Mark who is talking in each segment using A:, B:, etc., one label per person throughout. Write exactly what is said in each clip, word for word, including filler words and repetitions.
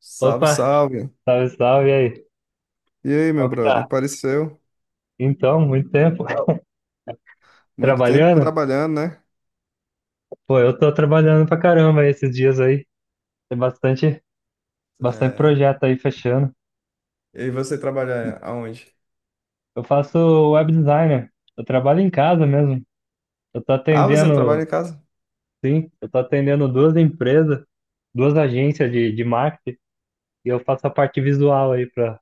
A: Salve,
B: Opa,
A: salve.
B: salve, salve, e aí?
A: E aí, meu
B: Qual que tá?
A: brother? Apareceu.
B: Então, muito tempo.
A: Muito tempo
B: Trabalhando?
A: trabalhando, né?
B: Pô, eu tô trabalhando pra caramba esses dias aí. Tem bastante, bastante
A: É.
B: projeto aí fechando.
A: E você trabalha aonde?
B: Eu faço web designer. Eu trabalho em casa mesmo. Eu tô
A: Ah, você trabalha em
B: atendendo,
A: casa?
B: sim, eu tô atendendo duas empresas, duas agências de, de marketing e eu faço a parte visual aí pra,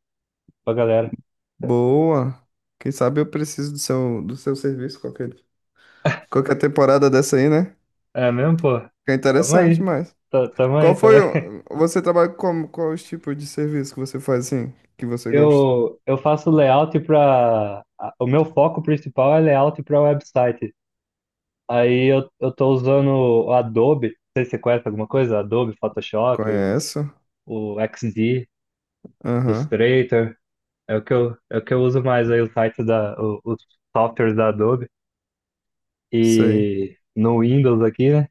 B: pra galera.
A: Boa. Quem sabe eu preciso do seu, do seu serviço qualquer, qualquer temporada dessa aí, né?
B: É mesmo, pô?
A: Fica
B: Tamo
A: interessante,
B: aí.
A: mas.
B: Tá- Tamo aí,
A: Qual
B: tamo
A: foi
B: aí.
A: o... Você trabalha com quais tipos de serviço que você faz assim, que você gosta?
B: Eu, eu faço layout para. O meu foco principal é layout para website. Aí eu, eu tô usando o Adobe, não sei se você conhece alguma coisa, Adobe, Photoshop,
A: Conheço.
B: o, o X D,
A: Aham.
B: Illustrator. É o que eu, é o que eu uso mais aí, o site da, o- os softwares da Adobe.
A: Sei.
B: E no Windows aqui, né?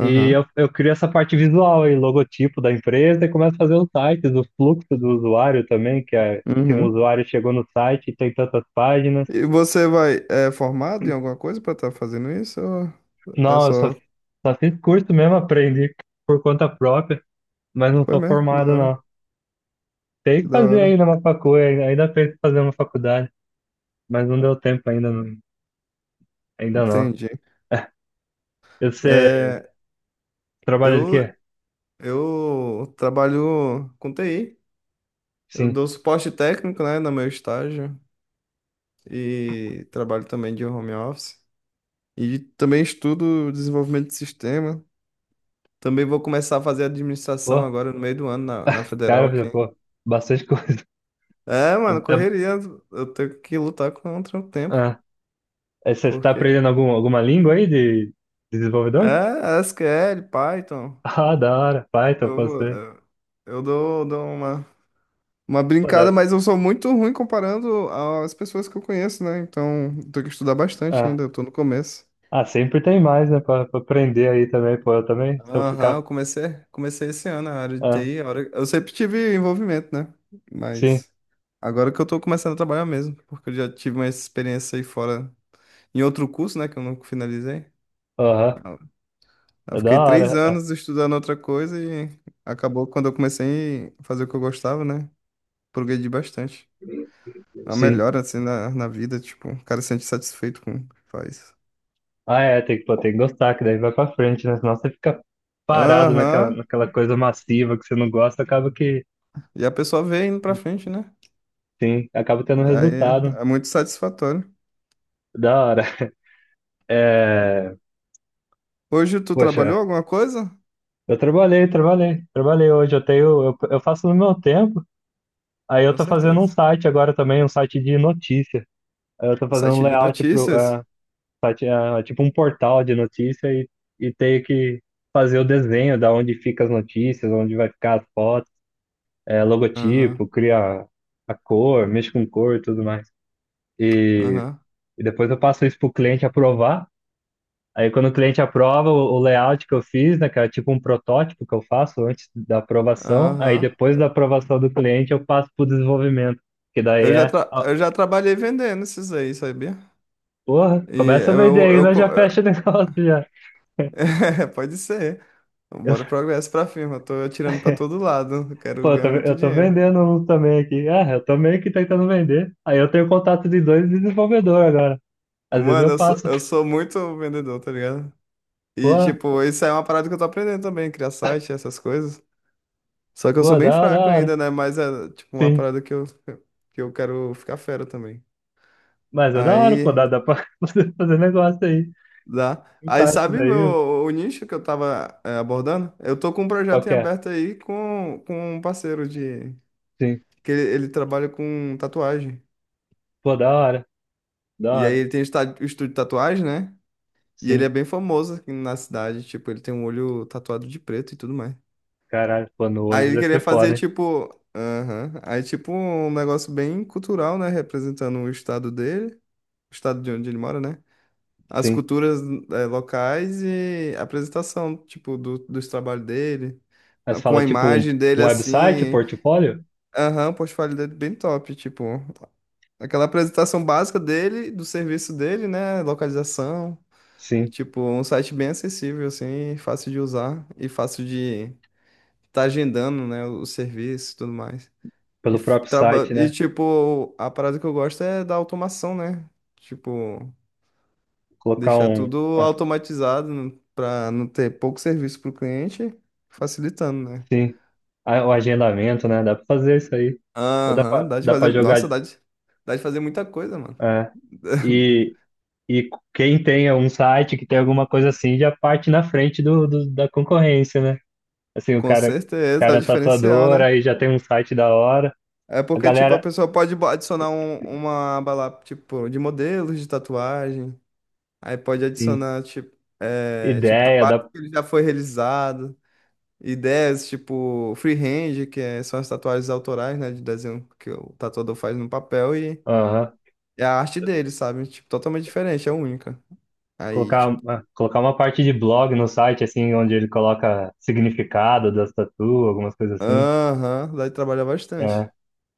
B: E eu,
A: Aham.
B: eu crio essa parte visual aí, logotipo da empresa e começo a fazer os sites, o fluxo do usuário também, que é, assim, o
A: Uhum.
B: usuário chegou no site tem tantas páginas.
A: E você vai... É formado em alguma coisa pra estar fazendo isso? Ou... É
B: Não, eu só,
A: só.
B: só fiz curso mesmo, aprendi por conta própria, mas não
A: Foi
B: sou
A: mesmo, que da
B: formado,
A: hora,
B: não. Tem
A: que
B: que
A: da
B: fazer
A: hora.
B: ainda uma faculdade, ainda tem que fazer uma faculdade, mas não deu tempo ainda, não, ainda não.
A: Entendi.
B: E você
A: É,
B: trabalha de quê?
A: eu, eu trabalho com T I. Eu
B: Sim.
A: dou suporte técnico, né, no meu estágio e trabalho também de home office. E também estudo desenvolvimento de sistema. Também vou começar a fazer administração
B: Pô,
A: agora no meio do ano na, na Federal
B: cara, já,
A: aqui.
B: pô, bastante coisa.
A: É,
B: É-
A: mano,
B: é-
A: correria. Eu tenho que lutar contra o tempo,
B: ah, é, você está
A: porque
B: aprendendo algum, alguma língua aí de, de desenvolvedor?
A: é S Q L, Python.
B: Ah, da hora, Python,
A: Eu vou,
B: passei.
A: eu eu dou, dou uma Uma
B: Pô,
A: brincada,
B: da,
A: mas eu sou muito ruim comparando às pessoas que eu conheço, né? Então, tenho que estudar bastante
B: ah,
A: ainda, eu tô no começo.
B: ah, sempre tem mais, né, pra, pra aprender aí também, pô, eu também, se eu
A: Aham,
B: ficar...
A: eu comecei, comecei esse ano a área de
B: Ah,
A: T I. a hora- Eu sempre tive envolvimento, né?
B: sim.
A: Mas agora que eu tô começando a trabalhar mesmo, porque eu já tive uma experiência aí fora, em outro curso, né, que eu não finalizei.
B: Aham.
A: Eu
B: É da
A: fiquei três
B: hora.
A: anos estudando outra coisa e acabou quando eu comecei a fazer o que eu gostava, né? Progredi bastante. É uma
B: Sim.
A: melhora, assim, na, na vida, tipo, o cara se sente satisfeito com o que faz.
B: Ah, é, tem que, pô, tem que gostar, que daí vai pra frente, né? Senão você fica parado naquela,
A: Aham.
B: naquela coisa massiva que você não gosta, acaba que,
A: E a pessoa vê indo pra frente, né?
B: sim, acaba tendo
A: Aí
B: resultado.
A: é, é muito satisfatório.
B: Da hora. É,
A: Hoje tu
B: poxa,
A: trabalhou alguma coisa?
B: eu trabalhei, trabalhei, trabalhei hoje. Eu tenho, eu, eu faço no meu tempo. Aí eu
A: Com
B: tô fazendo um
A: certeza.
B: site agora também, um site de notícia. Aí eu tô
A: No
B: fazendo um
A: site de
B: layout pro, é,
A: notícias?
B: site, é, tipo um portal de notícia e, e tenho que fazer o desenho da onde fica as notícias, onde vai ficar as fotos. É,
A: Aham,
B: logotipo, cria a cor, mexe com cor e tudo mais. E,
A: aham,
B: e depois eu passo isso para o cliente aprovar. Aí quando o cliente aprova o, o layout que eu fiz, né, que é tipo um protótipo que eu faço antes da aprovação, aí
A: aham.
B: depois da aprovação do cliente eu passo para o desenvolvimento, que daí
A: Eu já,
B: é,
A: tra-
B: ó,
A: eu já trabalhei vendendo esses aí, sabia?
B: porra,
A: E
B: começa a vender
A: eu,
B: aí,
A: eu,
B: nós
A: co-
B: já fecha o negócio já.
A: É, pode ser.
B: Eu,
A: Bora progresso pra firma. Eu tô atirando pra todo lado. Eu
B: pô,
A: quero
B: eu tô,
A: ganhar muito
B: eu tô
A: dinheiro.
B: vendendo um também aqui. Ah, eu tô meio que tentando vender. Aí eu tenho contato de dois desenvolvedores agora. Às vezes
A: Mano,
B: eu
A: eu sou,
B: passo,
A: eu sou muito vendedor, tá ligado?
B: pô,
A: E, tipo, isso é uma parada que eu tô aprendendo também, criar site, essas coisas. Só que eu sou
B: pô,
A: bem
B: da hora, da
A: fraco
B: hora.
A: ainda, né? Mas é tipo uma
B: Sim.
A: parada que eu, que eu quero ficar fera também.
B: Mas é da hora, pô,
A: Aí
B: dá, dá pra você fazer negócio aí.
A: dá. Aí
B: Insights
A: sabe meu,
B: aí,
A: o nicho que eu tava é, abordando? Eu tô com um
B: qual
A: projeto em
B: que é?
A: aberto aí com, com um parceiro de.
B: Sim.
A: Que ele, ele trabalha com tatuagem.
B: Pô, da hora, da
A: E aí
B: hora.
A: ele tem esta- o estúdio de tatuagem, né? E ele
B: Sim.
A: é bem famoso aqui na cidade. Tipo, ele tem um olho tatuado de preto e tudo mais.
B: Caralho, pô, no
A: Aí
B: olho
A: ele
B: vai
A: queria
B: ser foda,
A: fazer
B: hein?
A: tipo. Aham. Aí tipo um negócio bem cultural, né? Representando o estado dele. O estado de onde ele mora, né? As
B: Sim.
A: culturas eh, locais e a apresentação, tipo, do, dos trabalhos dele,
B: Mas
A: a- com
B: fala
A: a
B: tipo um,
A: imagem dele
B: um website, um
A: assim.
B: portfólio?
A: Aham, o portfólio dele bem top, tipo, aquela apresentação básica dele, do serviço dele, né? Localização.
B: Sim.
A: Tipo, um site bem acessível, assim, fácil de usar e fácil de estar agendando, né? O serviço e tudo mais. E,
B: Pelo
A: f-
B: próprio
A: traba-
B: site,
A: e,
B: né?
A: tipo, a parada que eu gosto é da automação, né? Tipo,
B: Colocar
A: deixar
B: um.
A: tudo
B: Ah,
A: automatizado para não ter pouco serviço para o cliente, facilitando, né?
B: sim. Ah, o agendamento, né? Dá pra fazer isso aí. Ou dá
A: Aham,
B: pra,
A: dá de
B: dá pra
A: fazer. Nossa,
B: jogar.
A: dá de, dá de fazer muita coisa, mano.
B: É. E, e quem tem um site que tem alguma coisa assim já parte na frente do, do- da concorrência, né? Assim, o
A: Com
B: cara, o
A: certeza, é o
B: cara é
A: diferencial,
B: tatuador,
A: né?
B: aí já tem um site da hora.
A: É
B: A
A: porque, tipo, a
B: galera,
A: pessoa pode bo- adicionar um- uma aba lá, tipo, de modelos de tatuagem. Aí pode
B: assim,
A: adicionar, tipo, é, tipo,
B: ideia,
A: trabalho
B: da
A: que ele já foi realizado. Ideias, tipo, freehand, que é- são as tatuagens autorais, né? De desenho que o tatuador faz no papel.
B: aham.
A: É a arte dele, sabe? Tipo, totalmente diferente, é única. Aí,
B: Colocar,
A: tipo,
B: uma- colocar uma parte de blog no site, assim, onde ele coloca significado das tatu, algumas coisas assim.
A: aham, lá ele trabalha bastante.
B: É.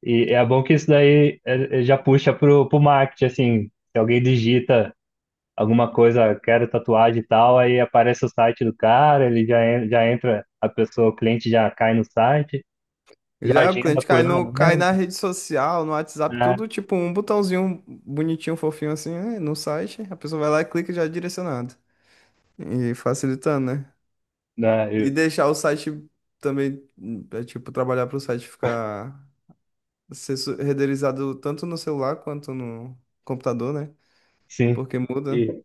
B: E é bom que isso daí é, é, já puxa pro, pro marketing, assim, se alguém digita alguma coisa, quero tatuagem e tal, aí aparece o site do cara, ele já, en- já entra, a pessoa, o cliente já cai no site, já
A: Já o
B: agenda
A: cliente
B: por
A: cai,
B: lá
A: no, cai
B: mesmo,
A: na rede social, no WhatsApp,
B: né?
A: tudo tipo um botãozinho bonitinho, fofinho assim, né, no site. A pessoa vai lá e clica e já é direcionado. E facilitando, né? E
B: Né?
A: deixar o site também, hum, é, tipo, trabalhar para o site ficar ser su- renderizado tanto no celular quanto no computador, né?
B: Sim.
A: Porque muda.
B: E,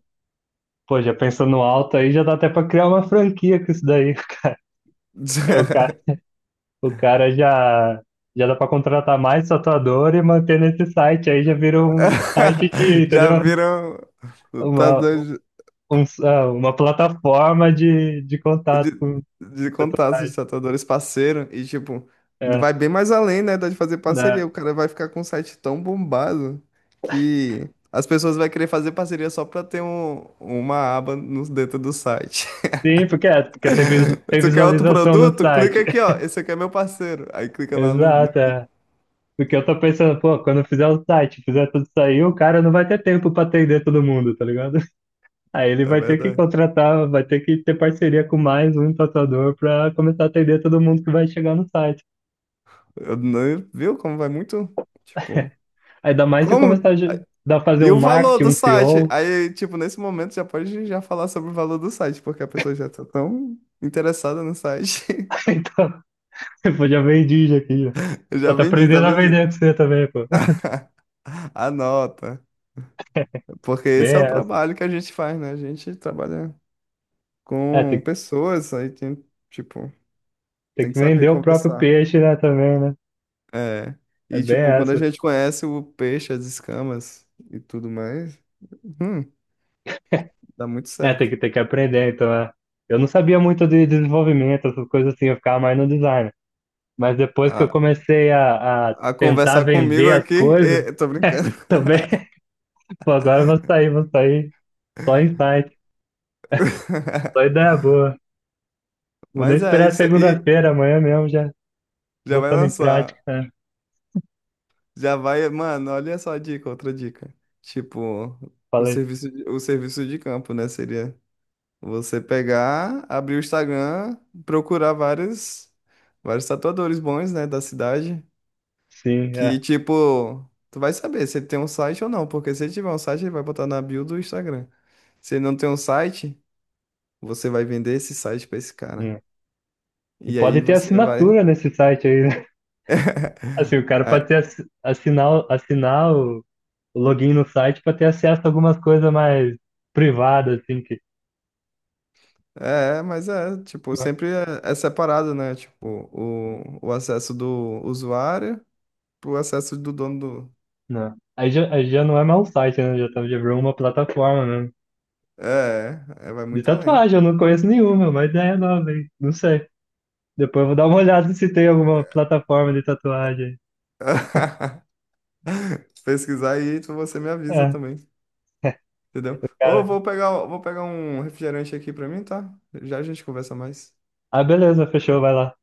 B: pô, já pensando alto aí, já dá até pra criar uma franquia com isso daí. O cara, o cara já, já dá pra contratar mais tatuador e manter nesse site. Aí já virou um site de,
A: Já
B: entendeu?
A: viram
B: Uma,
A: lutadores
B: um, ah, uma plataforma de, de contato
A: de,
B: com
A: de contato, os
B: tatuagem.
A: tatuadores parceiro, e tipo,
B: É,
A: vai bem mais além, né, da de fazer
B: né?
A: parceria. O cara vai ficar com um site tão bombado que as pessoas vão querer fazer parceria só pra ter um, uma aba no, dentro do site.
B: Sim, porque, é, porque tem, visu- tem
A: Tu quer outro
B: visualização no
A: produto? Clica
B: site.
A: aqui, ó. Esse aqui é meu parceiro. Aí clica lá no. no-
B: Exato, é. Porque eu tô pensando, pô, quando eu fizer o site, fizer tudo isso aí, o cara não vai ter tempo pra atender todo mundo, tá ligado? Aí ele
A: É
B: vai ter que
A: verdade.
B: contratar, vai ter que ter parceria com mais um tatuador para começar a atender todo mundo que vai chegar no site.
A: Eu não- viu como vai muito? Tipo,
B: Ainda mais se
A: como?
B: começar a ge- dar fazer
A: E
B: um
A: o valor
B: marketing,
A: do
B: um
A: site?
B: C E O.
A: Aí, tipo, nesse momento já pode já falar sobre o valor do site, porque a pessoa já tá tão interessada no site.
B: Então, pô, já vendi já aqui, ó.
A: Eu já
B: Pô, tá
A: vendi, tá
B: aprendendo a
A: vendido.
B: vender com você também, pô.
A: Anota, porque
B: Bem
A: esse é o
B: essa.
A: trabalho que a gente faz, né? A gente trabalha
B: É, tem,
A: com
B: que-
A: pessoas, aí tem, tipo,
B: tem
A: tem que
B: que
A: saber
B: vender o próprio
A: conversar.
B: peixe, né, também, né?
A: É.
B: É
A: E,
B: bem
A: tipo, quando a
B: essa.
A: gente conhece o peixe, as escamas e tudo mais, hum, dá muito
B: É, tem
A: certo.
B: que, tem que aprender, então, é. Eu não sabia muito de desenvolvimento, essas coisas assim, eu ficava mais no design. Mas depois que eu
A: A,
B: comecei a, a
A: a
B: tentar
A: conversar comigo
B: vender as
A: aqui,
B: coisas,
A: e, tô brincando.
B: também. Pô, agora eu vou sair, vou sair. Só insight, só ideia boa. Vou nem
A: Mas é
B: esperar
A: isso aí.
B: segunda-feira, amanhã mesmo já
A: Já vai
B: botando em prática,
A: lançar.
B: né?
A: Já vai, mano, olha só a dica, outra dica. Tipo, o
B: Falei,
A: serviço de, o serviço de campo, né? Seria você pegar, abrir o Instagram, procurar vários, vários tatuadores bons, né, da cidade.
B: sim,
A: Que,
B: é.
A: tipo, tu vai saber se ele tem um site ou não, porque se ele tiver um site, ele vai botar na bio do Instagram. Se ele não tem um site, você vai vender esse site pra esse cara.
B: Hum. E
A: E aí
B: pode ter
A: você vai.
B: assinatura nesse site aí, né? Assim, o cara
A: Aí
B: pode ter, assi- assinar, o- assinar o o login no site para ter acesso a algumas coisas mais privadas, assim, que.
A: É, mas é, tipo, sempre é, é separado, né? Tipo, o, o acesso do usuário pro acesso do dono do.
B: Não. Aí já, aí já não é mais um site, né? Já, tá- já virou uma plataforma mesmo.
A: É, é, vai
B: De
A: muito além.
B: tatuagem, eu não conheço nenhuma, mas ideia nova, hein? Não sei. Depois eu vou dar uma olhada se tem alguma plataforma de tatuagem.
A: Se pesquisar aí, tu- você me avisa
B: É,
A: também, entendeu? Ou
B: cara.
A: vou pegar, vou pegar um refrigerante aqui pra mim, tá? Já a gente conversa mais.
B: Ah, beleza, fechou, vai lá.